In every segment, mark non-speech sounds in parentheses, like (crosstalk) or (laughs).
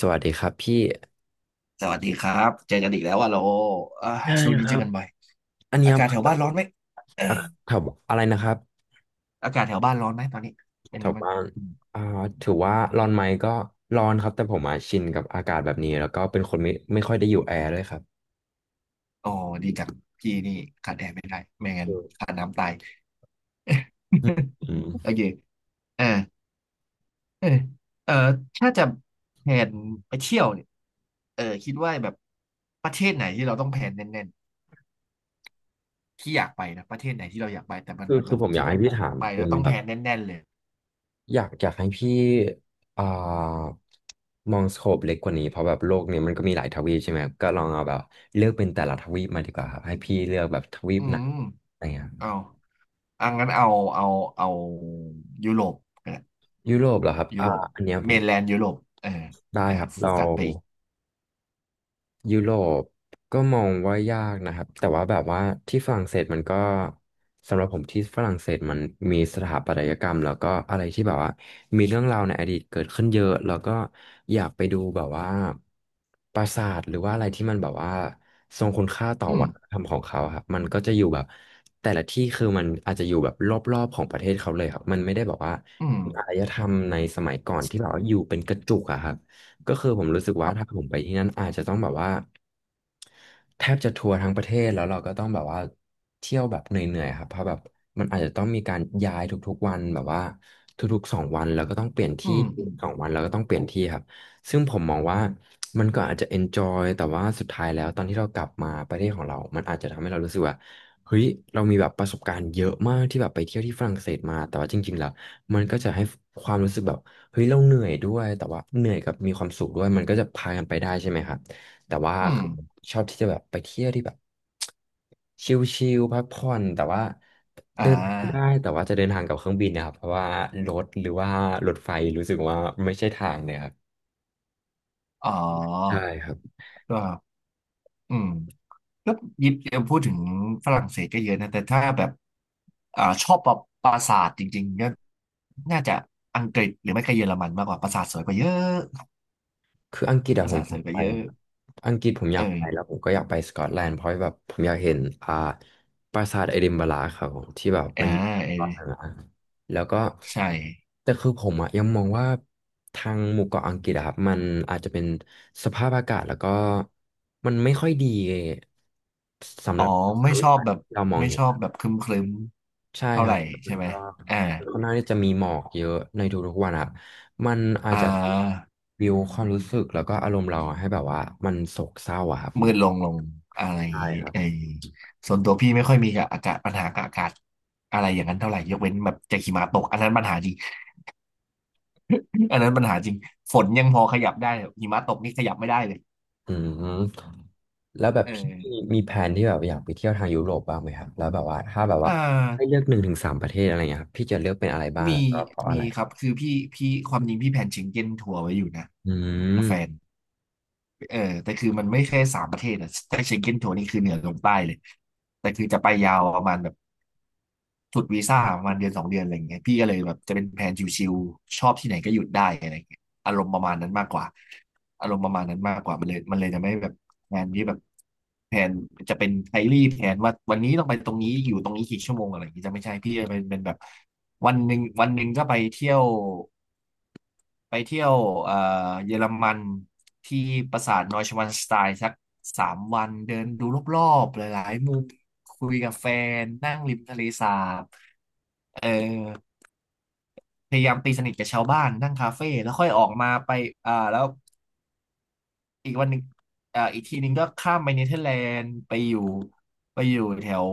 สวัสดีครับพี่สวัสดีครับเจอกันอีกแล้วว่าโลอ่าได้ช่วงคนี้เจรัอบกันบ่อยอันเนี้อายกาศคืแถวอแบบ้านบร้อนไหมเอออ่ะแถวอะไรนะครับอากาศแถวบ้านร้อนไหมตอนนี้เป็นแถไงวบ้างบ้านอืมอ่าถือว่าร้อนไหมก็ร้อนครับแต่ผมอ่ะชินกับอากาศแบบนี้แล้วก็เป็นคนไม่ค่อยได้อยู่แอร์ด้วยครับโอ้ดีจังพี่นี่ขาดแอร์ไม่ได้ไม่งั้อืนขามดน้ำตาย อืม (laughs) โอเคเออเออเออถ้าจะแผนไปเที่ยวเนี่ยคิดว่าแบบประเทศไหนที่เราต้องแผนแน่นๆที่อยากไปนะประเทศไหนที่เราอยากไปแต่มันคือแบคือบผมอคิดยากให้ว่าพี่ถามไปเป็แล้นวต้องแบแผบนแน่นๆเลยอยากให้พี่อ่ามองสโคปเล็กกว่านี้เพราะแบบโลกเนี้ยมันก็มีหลายทวีปใช่ไหมครับก็ลองเอาแบบเลือกเป็นแต่ละทวีปมาดีกว่าครับให้พี่เลือกแบบทวีปอืไหนมอะไรเงี้ยเอางั้นเอาเอายุโรป ยุโรปเหรอครับยุโรปอันเนี้ยผเมม นแลนด์ยุโรปเออได้ครับโฟเรากัสไปอีกยุโรปก็มองว่ายากนะครับแต่ว่าแบบว่าที่ฝรั่งเศสมันก็สำหรับผมที่ฝรั่งเศสมันมีสถาปัตยกรรมแล้วก็อะไรที่แบบว่ามีเรื่องราวในอดีตเกิดขึ้นเยอะแล้วก็อยากไปดูแบบว่าปราสาทหรือว่าอะไรที่มันแบบว่าทรงคุณค่าต่ออืมวัฒนธรรมของเขาครับมันก็จะอยู่แบบแต่ละที่คือมันอาจจะอยู่แบบรอบๆของประเทศเขาเลยครับมันไม่ได้แบบว่าอืมอารยธรรมในสมัยก่อนที่แบบว่าอยู่เป็นกระจุกอะครับ ก็คือผมรู้สึกว่าถ้าผมไปที่นั่นอาจจะต้องแบบว่า แทบจะทัวร์ทั้งประเทศแล้วเราก็ต้องแบบว่าเที่ยวแบบเหนื่อยๆครับเพราะแบบมันอาจจะต้องมีการย้ายทุกๆวันแบบว่าทุกๆ 2 วันแล้วก็ต้องเปลี่ยนอืที่มอืมสองวันแล้วก็ต้องเปลี่ยนที่ครับซึ่งผมมองว่ามันก็อาจจะ enjoy แต่ว่าสุดท้ายแล้วตอนที่เรากลับมาประเทศของเรามันอาจจะทำให้เรารู้สึกว่าเฮ้ยเรามีแบบประสบการณ์เยอะมากที่แบบไปเที่ยวที่ฝรั่งเศสมาแต่ว่าจริงๆแล้วมันก็จะให้ความรู้สึกแบบเฮ้ยเราเหนื่อยด้วยแต่ว่าเหนื่อยกับมีความสุขด้วยมันก็จะพากันไปได้ใช่ไหมครับ แต่ว่าอืมชอบที่จะแบบไปเที่ยวที่แบบชิลๆพักผ่อนแต่ว่าอ่าเดินได้แต่ว่าจะเดินทางกับเครื่องบินนะครับเพราะว่ารถหรือว่ารถไฟรู้สึกว่าไม่ใช่ทางเนี่ยครับอ๋อใช่ครับ ก็อืมก็ยิบพูดถึงฝรั่งเศสก็เยอะนะ แต่ถ้าแบบชอบปราสาทจริงๆก็น่าจะอังกฤษหรือไม่ก็เยอรมันมากกว่าปราสาทสวยกว่าเยอะคืออังกฤษปอะราผมสาอทสยาวกยกว่าไปเยอะอะครับอังกฤษผมอเอยาอกไปแล้วผมก็อยากไปสกอตแลนด์เพราะแบบผมอยากเห็นปราสาทเอดินบะระครับผมที่แบบอ่ามันเอตอนนั้นออะแล้วก็ใช่ แต่คือผมอะยังมองว่าทางหมู่เกาะอังกฤษอะครับมันอาจจะเป็นสภาพอากาศแล้วก็มันไม่ค่อยดีสำอ๋หอ รับทัศนไม่วิชอบสัยแบบที่เรามองไม่เห็ชน อบแบบครึมใช่ๆเท่าคไหรัร่บมัใช่นไหมก็อ่าค่อนข้างที่จะมีหมอกเยอะในทุกๆวันครับมันอาจอ่จะา บิวความรู้สึกแล้วก็อารมณ์เราให้แบบว่ามันโศกเศร้าอะครับผมืดมลงลงอะไรใช่ครับไอ้ส่วนตัวพี่ไม่ค่อยมีกับอากาศปัญหากับอากาศอะไรอย่างนั้นเท่าไหร่ยกเว้นแบบจะหิมะตกอันนั้นปัญหาจริง (laughs) อันนั้นปัญหาจริงฝนยังพอขยับได้หิมะตกนี่ขยับไม่ได้เลยอืมแล้วแบบเอพี่อมีแผนที่แบบอยากไปเที่ยวทางยุโรปบ้างไหมครับแล้วแบบว่าถ้าแบบเอ่าว่าให้เลือก1-3 ประเทศอะไรเงี้ยครับพี่จะเลือกเป็นอะไรบ้างแล้มีวก็เพราะอะไรครับคือพี่ความจริงพี่แผนเชงเก้นทัวร์ไว้อยู่นะอืกับแฟน มเออแต่คือมันไม่ใช่สามประเทศอะแต่เชงเก้นโซนนี่คือเหนือลงใต้เลยแต่คือจะไปยาวประมาณแบบสุดวีซ่าประมาณเดือนสองเดือนอะไรอย่างเงี้ยพี่ก็เลยแบบจะเป็นแผนชิวๆชอบที่ไหนก็หยุดได้อะไรอย่างเงี้ยอารมณ์ประมาณนั้นมากกว่าอารมณ์ประมาณนั้นมากกว่ามันเลยจะไม่แบบแผนที่แบบแผนจะเป็นไดลี่แผนว่าวันนี้ต้องไปตรงนี้อยู่ตรงนี้กี่ชั่วโมงอะไรอย่างเงี้ยจะไม่ใช่พี่จะเป็นแบบวันหนึ่งวันหนึ่งก็ไปเที่ยว ไปเที่ยวเอ่อเยอรมันที่ปราสาทนอยชวานสไตน์สักสามวันเดินดูรอบๆหลายๆมุมคุยกับแฟนนั่งริมทะเลสาบเออพยายามตีสนิทกับชาวบ้านนั่งคาเฟ่แล้วค่อยออกมาไปแล้วอีกวันหนึ่งอีกทีหนึงก็ข้ามไปเนเธอร์แลนด์ไปอยู่ไปอยู่แถว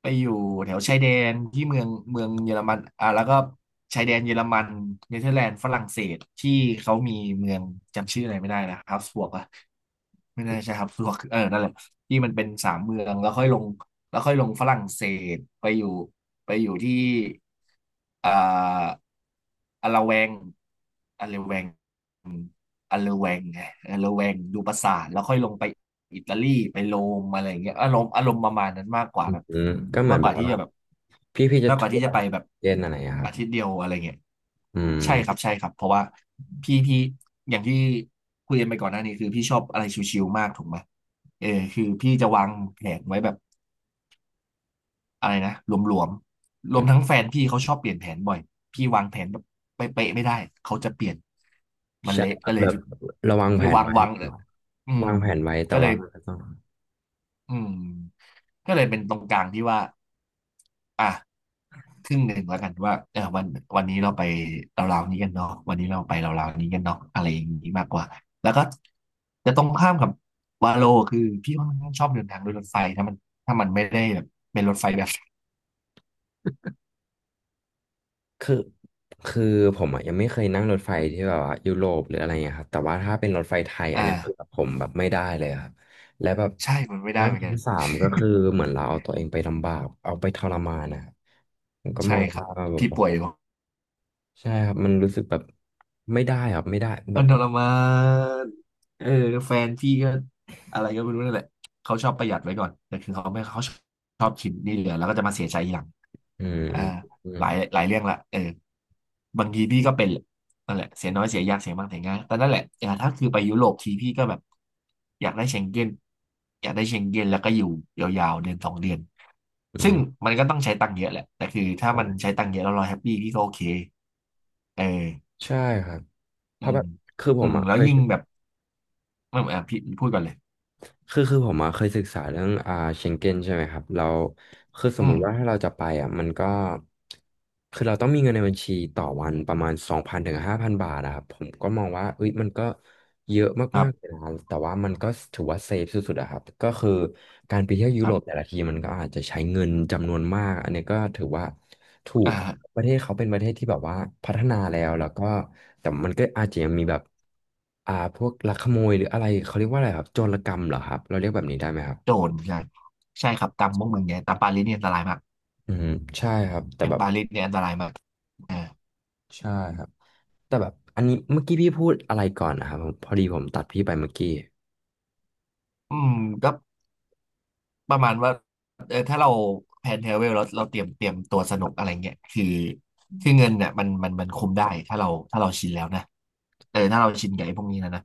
ไปอยู่แถวชายแดนที่เมืองเยอรมันแล้วก็ชายแดนเยอรมันเนเธอร์แลนด์ฝรั่งเศสที่เขามีเมืองจำชื่ออะไรไม่ได้นะฮับสบวกอะไม่น่าใช่ฮับสบวกเออนั่นแหละที่มันเป็นสามเมืองแล้วค่อยลงฝรั่งเศสไปอยู่ไปอยู่ที่อ่าอะละแวงอะละแวง อันเลแวงไงอัลเลแวงดูปราสาทแล้วค่อยลงไปอิตาลีไปโรมอะไรอย่างเงี้ยอารมณ์ประมาณนั้นมากกว่าแบบอืมก็เหมือมากนกแบว่าบที่ว่าจะแบบพี่จะมากกทัว่าที่วจะร์ไปแบบเจนอะไรอะครับอาทิตย์เดียวอะไรเงี้ยอืม ใช่ครับใช่ครับเพราะว่าพี่อย่างที่คุยกันไปก่อนหน้านี้คือพี่ชอบอะไรชิวๆมากถูกไหมเออคือพี่จะวางแผนไว้แบบ อะไรนะรวมทั้งแฟนพี่เขาชอบเปลี่ยนแผนบ่อยพี่วางแผนแบบเป๊ะๆไม่ได้เขาจะเปลี่ยนมันใช่เละครัก็บเลยแบบเราวางแผคือนไว้วางเอเนออะอืมวางแผนไว้แต่ก็เลว่ายมันก็ต้องอืมก็เลยเป็นตรงกลางที่ว่าอ่ะครึ่งหนึ่งแล้วกันว่าเออวันนี้เราไปเราวๆนี้กันเนาะวันนี้เราไปเราวๆนี้กันเนาะอะไรอย่างนี้มากกว่าแล้วก็จะตรงข้ามกับวาโลคือพี่ค่อนข้างชอบเดินทางโดยรถไฟถ้ามันไม่ได้แบบเป็นรถไฟแบบคือคือผมอ่ะยังไม่เคยนั่งรถไฟที่แบบว่ายุโรปหรืออะไรเงี้ยครับแต่ว่าถ้าเป็นรถไฟไทยอันเนี้ยคืออ่า ผมแบบไม่ได้เลยครับและแบบใช่ มันไม่ได้นั่งเหมือนชั้กันน สามก็คือเหมือนเราเอาตัวเองไปลำบากเอาไปทรมานนะครับผมก็มใช่องครัว่าบ แบบพี่โอ้ป่วโหยอยู่ ใช่ครับมันรู้สึกแบบไม่ได้ครับไม่ได้แบมันบทรมานเออแฟนพี่ก็อะไรก็ไม่รู้นั่นแหละเขาชอบประหยัดไว้ก่อนแต่คือเขาไม่เขาชอบกินนี่เหลือแล้วก็จะมาเสียใจทีหลังอืมอ่าอืมหลายเรื่องละเออบางทีพี่ก็เป็นแหละนั่นแหละเสียน้อยเสียยากเสียมากเสียง่ายแต่นั่นแหละอ่าถ้าคือไปยุโรปทีพี่ก็แบบอยากได้เชงเก้นอยากได้เชงเก้นแล้วก็อยู่ยาวๆเดือนสองเดือนอืซึ่งมมันก็ต้องใช้ตังค์เยอะแหละแต่คือถ้ามัในใช้ตังค์เยอะแล้วเราแฮปปี้พี่ก็โอเคเออ ช่ครับเพอืราะแบมบคือผมอ่ะเคแล้วย ยิ่งแบบอ่ะพี่พูดก่อนเลยคือผมอะเคยศึกษาเรื่องเชงเก้นใช่ไหมครับเราคือสอืมมุมติว่าถ้าเราจะไปอ่ะมันก็คือเราต้องมีเงินในบัญชีต่อวันประมาณ2,000-5,000 บาทอะครับผมก็มองว่าเอ้ยมันก็เยอะครัมาบกๆเลยนะแต่ว่ามันก็ถือว่าเซฟสุดๆอะครับก็คือการไปเที่ยวยุคโรรัปแต่บละทีมันก็อาจจะใช้เงินจำนวนมากอันนี้ก็ถือว่าถูอ่ก าประเทศเขาเป็นประเทศที่แบบว่าพัฒนาแล้วแล้วก็แต่มันก็อาจจะยังมีแบบพวกลักขโมยหรืออะไรเขาเรียกว่าอะไรครับโจรกรรมเหรอครับเราเรียกแบบนี้ได้ไหมครับโจรใช่ใช่ครับตามพวกมึงเนี่ยตามปารีสเนี่ยอันตรายมากอืมใช่ครับแต่อย่าแบงบปารีสเนี่ยอันตรายมากอ่าใช่ครับแต่แบบอันนี้เมื่อกี้พี่พูดอะไรก่อนนะครับผมพอดีผมตัดพี่ไปเมื่อกี้อืมก็ประมาณว่าเออถ้าเราแพลนเทรเวลแล้วเราเตรียมตัวสนุกอะไรเงี้ยคือเงินเนี่ยมันคุมได้ถ้าเราชินแล้วนะเออถ้าเราชินกับไอ้พวกนี้นะ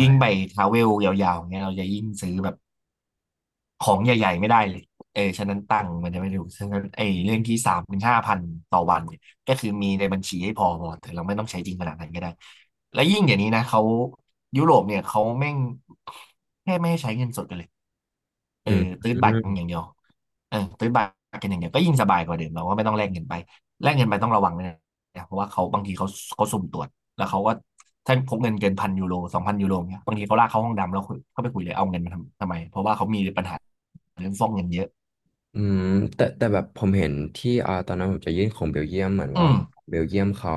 ยิ่งไปทราเวลยาวๆเงี้ยเราจะยิ่งซื้อแบบ ของใหญ่ๆไม่ได้เลยเออฉะนั้นตังค์มันจะไม่ถูกฉะนั้นไอ้เรื่องที่สามถึงห้าพันต่อวันเนี่ยก็คือมีในบัญชีให้พอพอแต่เราไม่ต้องใช้จริงขนาดนั้นก็ได้ และยิ่งเดี๋ยวนี้นะเขายุโรปเนี่ยเขาแม่งแค่ไม่ให้ใช้เงินสดกันเลยเออือมตื้อืดบัตรกันอย่ามงเดียวเออตื้ดบัตรกันอย่างเดียวก็ยิ่งสบายกว่าเดิมเราก็ไม่ต้องแลกเงินไปแลกเงินไปต้องระวังด้วยนะเพราะว่าเขาบางทีเขาสุ่มตรวจ แล้วเขาก็ถ้าพกเงินเกินพันยูโรสองพันยูโรเนี่ยบางทีเขาลากเข้าห้องดำแล้วเขาไปคุยเลยเอาเงินมาทำไมเพราะว่าเขามีปัญหาเรื่องฟอกเงินเยอะอืมแต่แบบผมเห็นที่ตอนนั้นผมจะยื่นของเบลเยียมเหมือนอืว่ามเบลเยียมเขา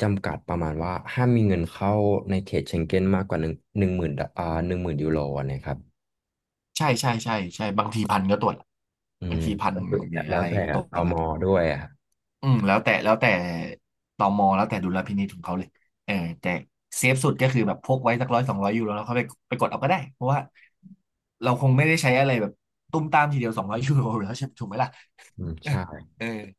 จำกัดประมาณว่าห้ามมีเงินเข้าในเขตเชงเก้นมากกว่าหนึ่งหมื่น10,000 ยูโรนะครับ ใช่ใช่ใช่ใช่บางทีพันก็ตรวจอืบางมทีพันก็คือหรืแล้วอแล้อะวไรแต่ก็ตรตวจมแล้วด้วยอะครับอืมแล้วแต่ตมแล้วแต่ดุลพินิจของเขาเลยเออแต่เซฟสุดก็คือแบบพกไว้สักร้อยสองร้อยยูโรแล้วเขาไปกดเอาก็ได้เพราะว่าเราคงไม่ได้ใช้อะไรแบบตุ้มตามทีเดียวสองร้อยยูโรแล้วใช่ถูกไหมล่ะอืมใช่เออ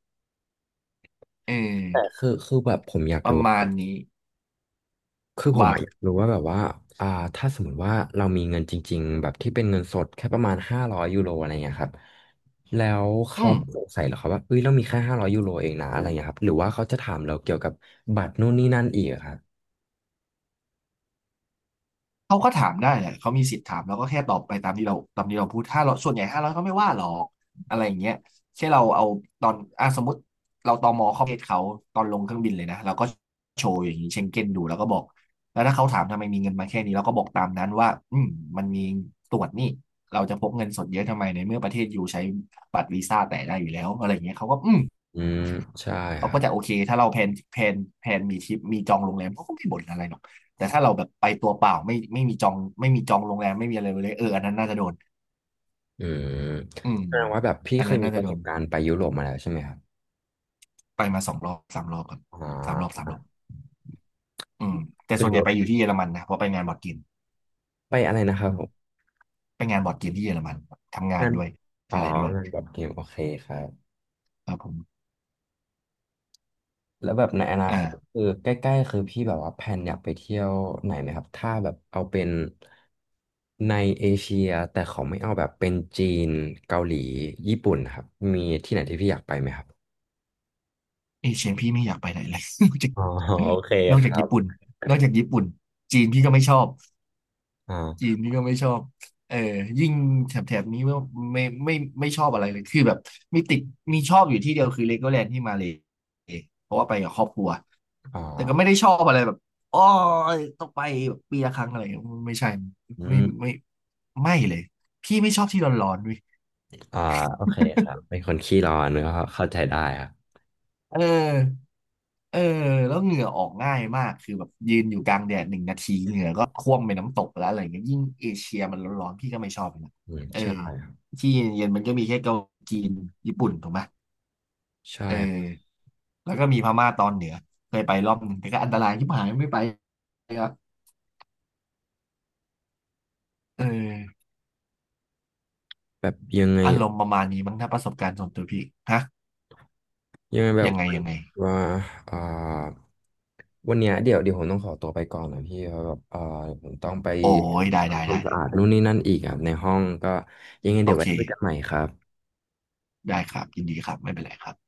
เออแต่คือแบบผมอยากประรู้คมารัณบนี้คือผมว่าอะอยากรู้ว่าแบบว่าอ่าถ้าสมมติว่าเรามีเงินจริงๆแบบที่เป็นเงินสดแค่ประมาณห้าร้อยยูโรอะไรเงี้ยครับแล้วอืเขาม สงสัยเหรอครับว่าเอ้ยเรามีแค่ห้าร้อยยูโรเองนะอะไรเงี้ยครับหรือว่าเขาจะถามเราเกี่ยวกับบัตรนู่นนี่นั่นอีกอะครับเขาก็ถามได้แหละเขามีสิทธิ์ถามแลรวก็แค่ตอบไปตามที่เราพูดถ้าเราส่วนใหญ่ห้าร้อยเขาไม่ว่าหรอกอะไรอย่างเงี้ยแค่เราเอาตอนอ่ะสมมติเราตมเข้าประเทศเขาตอนลงเครื่องบินเลยนะเราก็โชว์อย่างนี้เชงเก้นดูแล้วก็บอกแล้วถ้าเขาถามทำไมมีเงินมาแค่นี้เราก็บอกตามนั้นว่าอืมมันมีตรวจนี่เราจะพกเงินสดเยอะทำไมในเมื่อประเทศอยู่ใช้บัตรวีซ่าแต่ได้อยู่แล้วอะไรอย่างเงี้ยเขาก็อืม อืมใช่คเขารัก็บจะโอเคถ้าเราแพลนมีทริปมีจองโรงแรมเขาก็ไม่บ่นอะไรหรอกแต่ถ้าเราแบบไปตัวเปล่าไม่มีจองไม่มีจองโรงแรมไม่มีอะไรเลยเอออันนั้นน่าจะโดนอืมอืมแสดงว่าแบบพี่อันเคนั้ยนมีน่าปจะระโดสนบการณ์ไปยุโรปมาแล้วใช่ไหมครับไปมาสองรอบสามรอบครับอ่สามรอบสาามรอบอืมแต่เป็ส่นวนหใหรญ่อไปอยู่ที่เยอรมันนะเพราะไปงานบอร์ดเกมไปอะไรนะครับอืผมม ไปงานบอร์ดเกมที่เยอรมันทำงานงานด้วยอ๋ออะไรด้วยงานบอร์ดเกมโอเคครับครับผมแล้วแบบในอนาคตอ่าคือใกล้ๆคือพี่แบบว่าแพลนอยากไปเที่ยวไหนไหมครับถ้าแบบเอาเป็นในเอเชียแต่เขาไม่เอาแบบเป็นจีนเกาหลีญี่ปุ่นครับมีที่ไหนที่พี่อยากไปไหมครับเอเชียพี่ไม่อยากไปไหนเลย (laughs) นอกจากอ๋อ (laughs) โอเคนอกคจากรับญี่ปุ่นนอกจากญี่ปุ่นจีนพี่ก็ไม่ชอบ อ๋จีนอนี่ก็ไม่ชอบเออยิ่งแถบแถบนี้ไม่ไม่ไม่ชอบอะไรเลยคือแบบมีติดมีชอบอยู่ที่เดียวคือเลโกแลนด์ที่มาเลยเพราะว่าไปกับครอบครัวอ๋อแต่ก็ไม่ได้ชอบอะไรแบบอ๋อต้องไปแบบปีละครั้งอะไรไม่ใช่อืไม่ไม่มไม่เลยพี่ไม่ชอบที่ร้อนๆเว้ย อ่าโอเคครับเป็นคนขี้ร้อน (laughs) ก็เข้าใจได้ครับเออเออแล้วเหงื่อออกง่ายมากคือแบบยืนอยู่กลางแดด1 นาทีเหงื่อก็ท่วมไปน้ำตกแล้วอะไรเงี้ยยิ่งเอเชียมันร้อนๆพี่ก็ไม่ชอบเลยนะอืมเออใช่ที่เย็นๆมันก็มีแค่เกาหลีจีนญี่ปุ่นถูกไหมใช่เออแล้วก็มีพม่าตอนเหนือเคยไปรอบหนึ่งแต่ก็อันตรายที่หายไม่ไปครับเออแบบยังไง อารมณ์ประมาณนี้มั้งถ้าประสบการณ์ส่วนตัวพี่ฮะยังไงแบบยังไงยังไงว่าอ่าวันเนี้ยเดี๋ยวผมต้องขอตัวไปก่อนนะพี่เพราะแบบผมต้องไปโอ้ยได้ได้ทำความได้สะได้อาดนู่นนี่นั่นอีกอ่ะในห้องก็ยังไงโอเดี๋ยวไว้เคคุยกันใหม่ครับได้ครับยินดีครับไม่เป็นไรครับ